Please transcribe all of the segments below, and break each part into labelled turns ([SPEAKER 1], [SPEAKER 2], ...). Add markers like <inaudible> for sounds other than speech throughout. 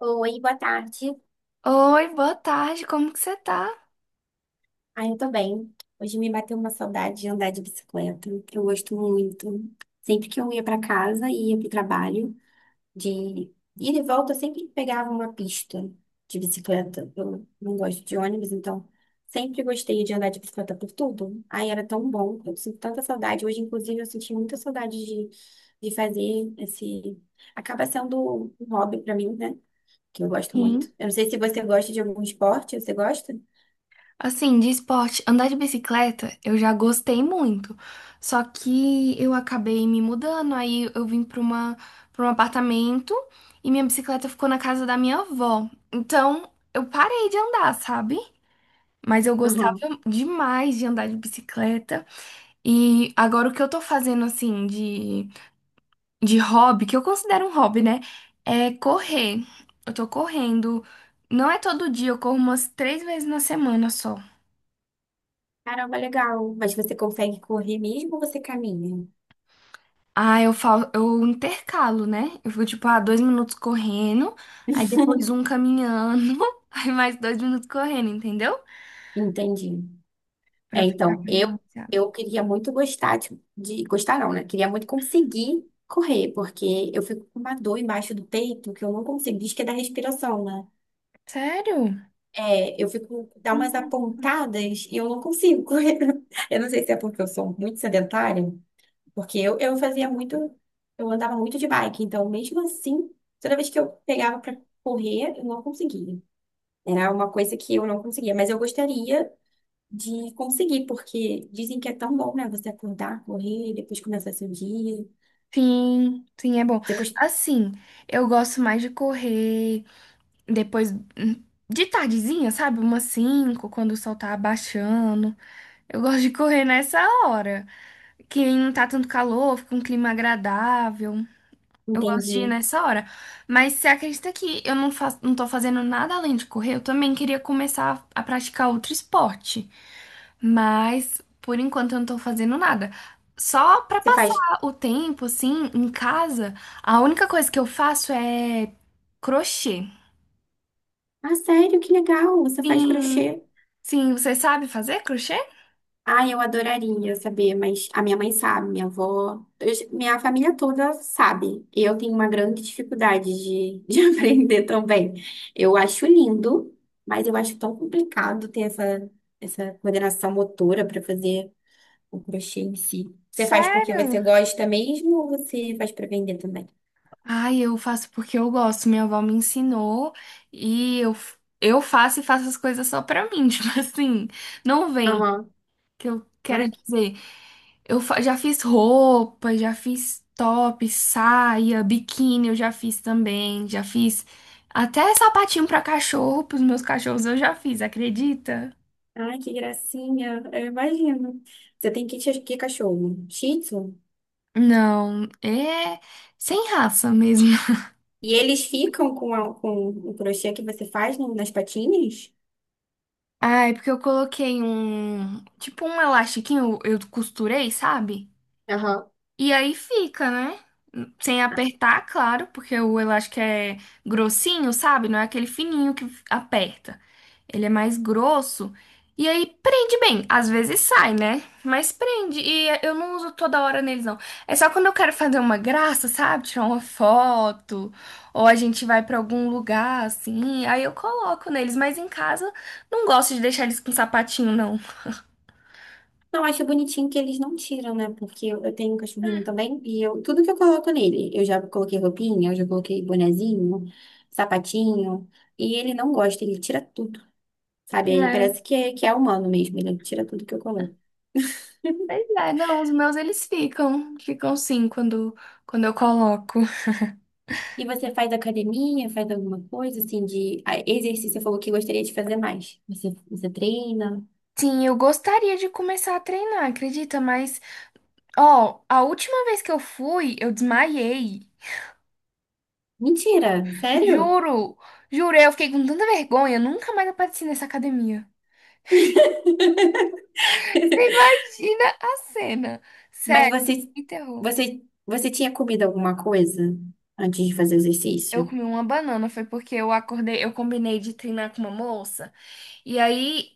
[SPEAKER 1] Oi, boa tarde.
[SPEAKER 2] Oi, boa tarde, como que você tá?
[SPEAKER 1] Ah, eu tô bem. Hoje me bateu uma saudade de andar de bicicleta. Eu gosto muito. Sempre que eu ia pra casa e ia pro trabalho, de ida e volta, eu sempre pegava uma pista de bicicleta. Eu não gosto de ônibus, então sempre gostei de andar de bicicleta por tudo. Ai, era tão bom. Eu sinto tanta saudade. Hoje, inclusive, eu senti muita saudade de fazer esse. Acaba sendo um hobby pra mim, né? Que eu gosto muito.
[SPEAKER 2] Sim.
[SPEAKER 1] Eu não sei se você gosta de algum esporte, você gosta?
[SPEAKER 2] Assim, de esporte, andar de bicicleta eu já gostei muito, só que eu acabei me mudando, aí eu vim para um apartamento e minha bicicleta ficou na casa da minha avó. Então eu parei de andar, sabe? Mas eu gostava demais de andar de bicicleta e agora o que eu tô fazendo assim de hobby, que eu considero um hobby, né? É correr. Eu tô correndo. Não é todo dia, eu corro umas 3 vezes na semana só.
[SPEAKER 1] Caramba, legal. Mas você consegue correr mesmo ou você caminha?
[SPEAKER 2] Ah, eu falo, eu intercalo, né? Eu fico tipo, ah, 2 minutos correndo, aí depois um
[SPEAKER 1] <laughs>
[SPEAKER 2] caminhando, <laughs> aí mais 2 minutos correndo, entendeu?
[SPEAKER 1] Entendi.
[SPEAKER 2] Pra
[SPEAKER 1] É,
[SPEAKER 2] ficar
[SPEAKER 1] então,
[SPEAKER 2] mais
[SPEAKER 1] eu
[SPEAKER 2] balanceado.
[SPEAKER 1] eu queria muito gostar gostar não, né? Queria muito conseguir correr, porque eu fico com uma dor embaixo do peito que eu não consigo, diz que é da respiração, né?
[SPEAKER 2] Sério?
[SPEAKER 1] É, eu fico dá umas
[SPEAKER 2] Hum.
[SPEAKER 1] apontadas e eu não consigo correr. <laughs> Eu não sei se é porque eu sou muito sedentária, porque eu fazia muito, eu andava muito de bike, então mesmo assim, toda vez que eu pegava pra correr, eu não conseguia. Era uma coisa que eu não conseguia, mas eu gostaria de conseguir, porque dizem que é tão bom, né? Você acordar, correr, depois começar seu dia.
[SPEAKER 2] Sim, sim, é bom.
[SPEAKER 1] Você cons-
[SPEAKER 2] Assim, eu gosto mais de correr. Depois hum, de tardezinha, sabe? Umas 5 quando o sol tá abaixando. Eu gosto de correr nessa hora. Que não tá tanto calor, fica um clima agradável. Eu gosto de ir
[SPEAKER 1] Entende?
[SPEAKER 2] nessa hora. Mas você acredita que eu não faço, não tô fazendo nada além de correr? Eu também queria começar a praticar outro esporte. Mas por enquanto eu não tô fazendo nada. Só pra
[SPEAKER 1] Você
[SPEAKER 2] passar
[SPEAKER 1] faz,
[SPEAKER 2] o tempo, assim, em casa, a única coisa que eu faço é crochê.
[SPEAKER 1] ah, sério, que legal, você faz
[SPEAKER 2] Sim,
[SPEAKER 1] crochê.
[SPEAKER 2] sim, você sabe fazer crochê?
[SPEAKER 1] Ah, eu adoraria saber, mas a minha mãe sabe, minha avó, minha família toda sabe. Eu tenho uma grande dificuldade de, <laughs> de aprender também. Eu acho lindo, mas eu acho tão complicado ter essa coordenação motora para fazer o crochê em si. Você faz porque você
[SPEAKER 2] Sério?
[SPEAKER 1] gosta mesmo ou você faz para vender também?
[SPEAKER 2] Ai, eu faço porque eu gosto. Minha avó me ensinou e eu faço e faço as coisas só pra mim. <laughs> Tipo assim, não vem,
[SPEAKER 1] Aham.
[SPEAKER 2] que eu quero
[SPEAKER 1] Ai, que,
[SPEAKER 2] dizer. Já fiz roupa, já fiz top, saia, biquíni, eu já fiz também. Já fiz até sapatinho pra cachorro, pros meus cachorros eu já fiz, acredita?
[SPEAKER 1] ai, que gracinha. Eu imagino. Você tem que cachorro? Shih Tzu?
[SPEAKER 2] Não, é sem raça mesmo.
[SPEAKER 1] E eles ficam com o crochê que você faz nas patinhas?
[SPEAKER 2] Ah, é porque eu coloquei um. Tipo um elastiquinho, eu costurei, sabe?
[SPEAKER 1] Aham.
[SPEAKER 2] E aí fica, né? Sem apertar, claro, porque o elástico é grossinho, sabe? Não é aquele fininho que aperta. Ele é mais grosso. E aí prende bem. Às vezes sai, né? Mas prende. E eu não uso toda hora neles, não. É só quando eu quero fazer uma graça, sabe? Tirar uma foto. Ou a gente vai pra algum lugar, assim. Aí eu coloco neles. Mas em casa, não gosto de deixar eles com sapatinho, não.
[SPEAKER 1] Não, acho bonitinho que eles não tiram, né? Porque eu tenho um cachorrinho também e eu, tudo que eu coloco nele, eu já coloquei roupinha, eu já coloquei bonezinho, sapatinho, e ele não gosta, ele tira tudo. Sabe? Ele parece que que é humano mesmo, ele tira tudo que eu coloco.
[SPEAKER 2] Pois é, não, os meus eles ficam sim quando eu coloco.
[SPEAKER 1] E você faz academia, faz alguma coisa assim de ah, exercício? Você falou que gostaria de fazer mais. Você treina?
[SPEAKER 2] Sim, eu gostaria de começar a treinar, acredita? Mas, ó, a última vez que eu fui, eu desmaiei.
[SPEAKER 1] Mentira, sério?
[SPEAKER 2] Juro, juro, eu fiquei com tanta vergonha, nunca mais apareci nessa academia.
[SPEAKER 1] <laughs>
[SPEAKER 2] Você imagina a cena.
[SPEAKER 1] Mas
[SPEAKER 2] Sério,
[SPEAKER 1] você,
[SPEAKER 2] me terror.
[SPEAKER 1] você tinha comido alguma coisa antes de fazer o
[SPEAKER 2] Eu
[SPEAKER 1] exercício?
[SPEAKER 2] comi uma banana, foi porque eu acordei, eu combinei de treinar com uma moça. E aí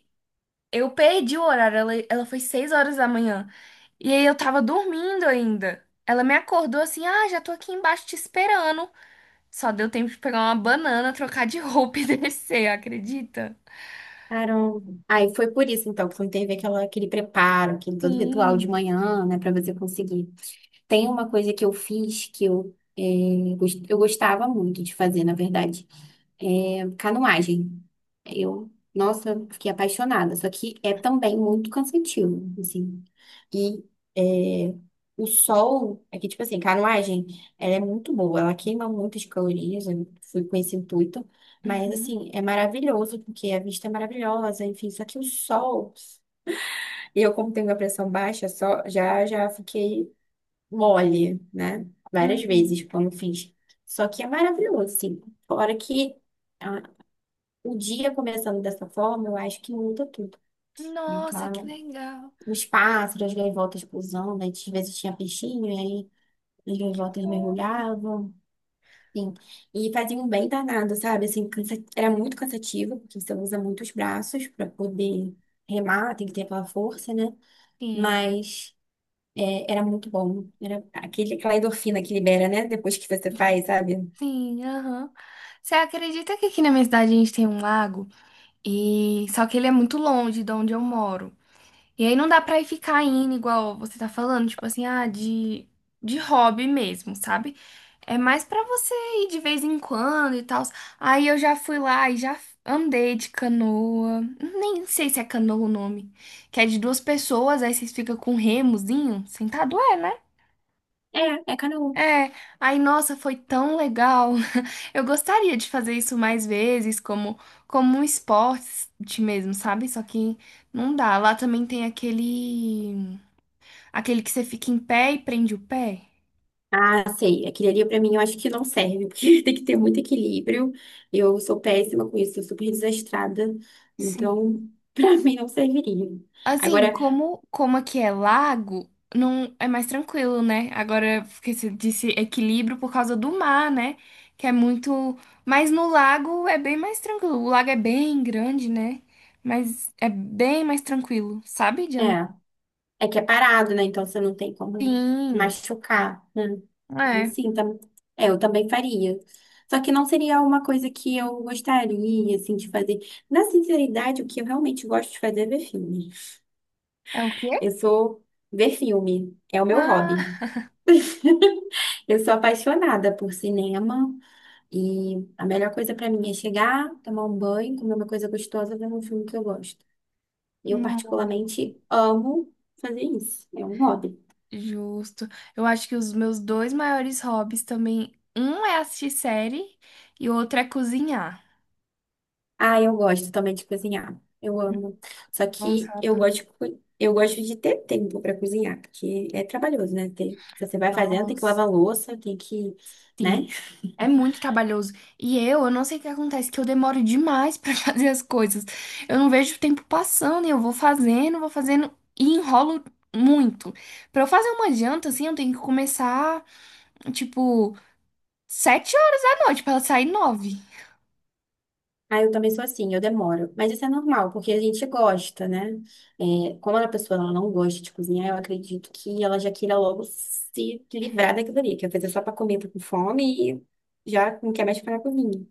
[SPEAKER 2] eu perdi o horário, ela foi 6 horas da manhã. E aí eu tava dormindo ainda. Ela me acordou assim, ah, já tô aqui embaixo te esperando. Só deu tempo de pegar uma banana, <laughs> trocar de roupa <laughs> e descer, acredita?
[SPEAKER 1] Caramba. Aí foi por isso, então, que não teve aquele preparo, aquele todo ritual de
[SPEAKER 2] Sim,
[SPEAKER 1] manhã, né, para você conseguir. Tem
[SPEAKER 2] sim.
[SPEAKER 1] uma coisa que eu fiz que eu, eu gostava muito de fazer, na verdade. É canoagem. Eu, nossa, fiquei apaixonada. Só que é também muito cansativo, assim. E é, o sol, é que, tipo assim, canoagem, ela é muito boa. Ela queima muitas calorias. Eu fui com esse intuito. Mas,
[SPEAKER 2] Uhum,
[SPEAKER 1] assim, é maravilhoso, porque a vista é maravilhosa, enfim. Só que o sol... Eu, como tenho a pressão baixa, só, já fiquei mole, né? Várias
[SPEAKER 2] uhum.
[SPEAKER 1] vezes quando fiz. Só que é maravilhoso, assim. Fora que... ah, o dia começando dessa forma, eu acho que muda tudo, né?
[SPEAKER 2] Nossa, que
[SPEAKER 1] Claro,
[SPEAKER 2] legal.
[SPEAKER 1] os pássaros, as gaivotas pousando, antes às vezes tinha peixinho, e aí as gaivotas
[SPEAKER 2] Fofo.
[SPEAKER 1] mergulhavam, enfim, e faziam um bem danado, sabe? Assim, era muito cansativo, porque você usa muitos braços para poder remar, tem que ter aquela força, né?
[SPEAKER 2] Sim,
[SPEAKER 1] Mas é, era muito bom, era aquela endorfina que libera, né? Depois que você faz, sabe?
[SPEAKER 2] sim, aham. Você acredita que aqui na minha cidade a gente tem um lago? E só que ele é muito longe de onde eu moro. E aí não dá pra ir ficar indo igual você tá falando, tipo assim, ah, de hobby mesmo, sabe? É mais pra você ir de vez em quando e tal. Aí eu já fui lá e já andei de canoa. Nem sei se é canoa o nome. Que é de duas pessoas, aí vocês ficam com um remozinho. Sentado é, né?
[SPEAKER 1] É, é canoa.
[SPEAKER 2] É, aí nossa, foi tão legal. <laughs> Eu gostaria de fazer isso mais vezes, como um esporte mesmo, sabe? Só que não dá. Lá também tem aquele que você fica em pé e prende o pé?
[SPEAKER 1] Ah, sei. Aquilo ali pra mim eu acho que não serve, porque <laughs> tem que ter muito equilíbrio. Eu sou péssima com isso, sou super desastrada.
[SPEAKER 2] Sim.
[SPEAKER 1] Então, <laughs> pra mim não serviria.
[SPEAKER 2] Assim,
[SPEAKER 1] Agora,
[SPEAKER 2] como aqui é lago, não é mais tranquilo, né? Agora, porque você disse equilíbrio por causa do mar, né? Que é muito. Mas no lago é bem mais tranquilo. O lago é bem grande, né? Mas é bem mais tranquilo, sabe? De
[SPEAKER 1] é,
[SPEAKER 2] andar.
[SPEAKER 1] é que é parado, né? Então você não tem como se
[SPEAKER 2] Sim.
[SPEAKER 1] machucar, né? Aí
[SPEAKER 2] É.
[SPEAKER 1] sim, tam... É, eu também faria. Só que não seria uma coisa que eu gostaria, assim, de fazer. Na sinceridade, o que eu realmente gosto de fazer é ver filme.
[SPEAKER 2] É o quê?
[SPEAKER 1] Eu sou ver filme, é o meu hobby.
[SPEAKER 2] Ah,
[SPEAKER 1] <laughs> Eu sou apaixonada por cinema e a melhor coisa pra mim é chegar, tomar um banho, comer uma coisa gostosa, ver um filme que eu gosto. Eu
[SPEAKER 2] não.
[SPEAKER 1] particularmente amo fazer isso. É um hobby.
[SPEAKER 2] Justo. Eu acho que os meus dois maiores hobbies também. Um é assistir série e o outro é cozinhar.
[SPEAKER 1] Ah, eu gosto também de cozinhar. Eu amo. Só que eu
[SPEAKER 2] Lançada.
[SPEAKER 1] eu gosto de ter tempo para cozinhar, porque é trabalhoso, né? Se você vai fazendo, tem que
[SPEAKER 2] Nossa,
[SPEAKER 1] lavar louça, tem que,
[SPEAKER 2] sim.
[SPEAKER 1] né?
[SPEAKER 2] É muito trabalhoso. E eu não sei o que acontece, que eu demoro demais <laughs> pra fazer as coisas. Eu não vejo o tempo passando e eu vou fazendo e enrolo muito. Pra eu fazer uma janta, assim, eu tenho que começar, tipo, 7 horas da noite pra ela sair 9.
[SPEAKER 1] Ah, eu também sou assim, eu demoro. Mas isso é normal, porque a gente gosta, né? É, como a pessoa ela não gosta de cozinhar, eu acredito que ela já queira logo se livrar daquilo ali, que às vezes é só para comer, tá com fome e já não quer mais ficar na cozinha.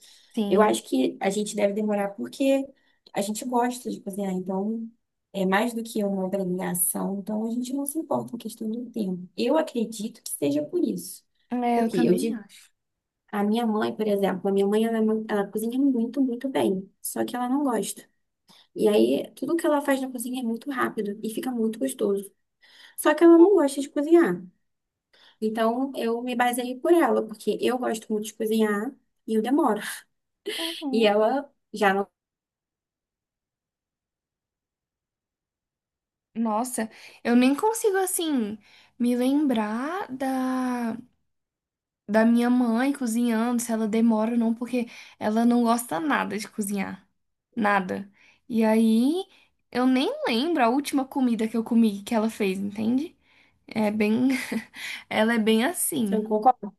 [SPEAKER 1] Eu
[SPEAKER 2] Sim.
[SPEAKER 1] acho que a gente deve demorar porque a gente gosta de cozinhar, então é mais do que uma obrigação, então a gente não se importa com questão do tempo. Eu acredito que seja por isso.
[SPEAKER 2] É, eu
[SPEAKER 1] Porque eu
[SPEAKER 2] também acho.
[SPEAKER 1] a minha mãe, por exemplo, a minha mãe, ela, ela cozinha muito, muito bem, só que ela não gosta. E aí, tudo que ela faz na cozinha é muito rápido e fica muito gostoso. Só que ela não gosta de cozinhar. Então, eu me baseei por ela, porque eu gosto muito de cozinhar e eu demoro. E
[SPEAKER 2] Uhum.
[SPEAKER 1] ela já não,
[SPEAKER 2] Nossa, eu nem consigo, assim, me lembrar da minha mãe cozinhando, se ela demora ou não, porque ela não gosta nada de cozinhar. Nada. E aí, eu nem lembro a última comida que eu comi que ela fez, entende? É bem. <laughs> Ela é bem
[SPEAKER 1] você não
[SPEAKER 2] assim.
[SPEAKER 1] concorda?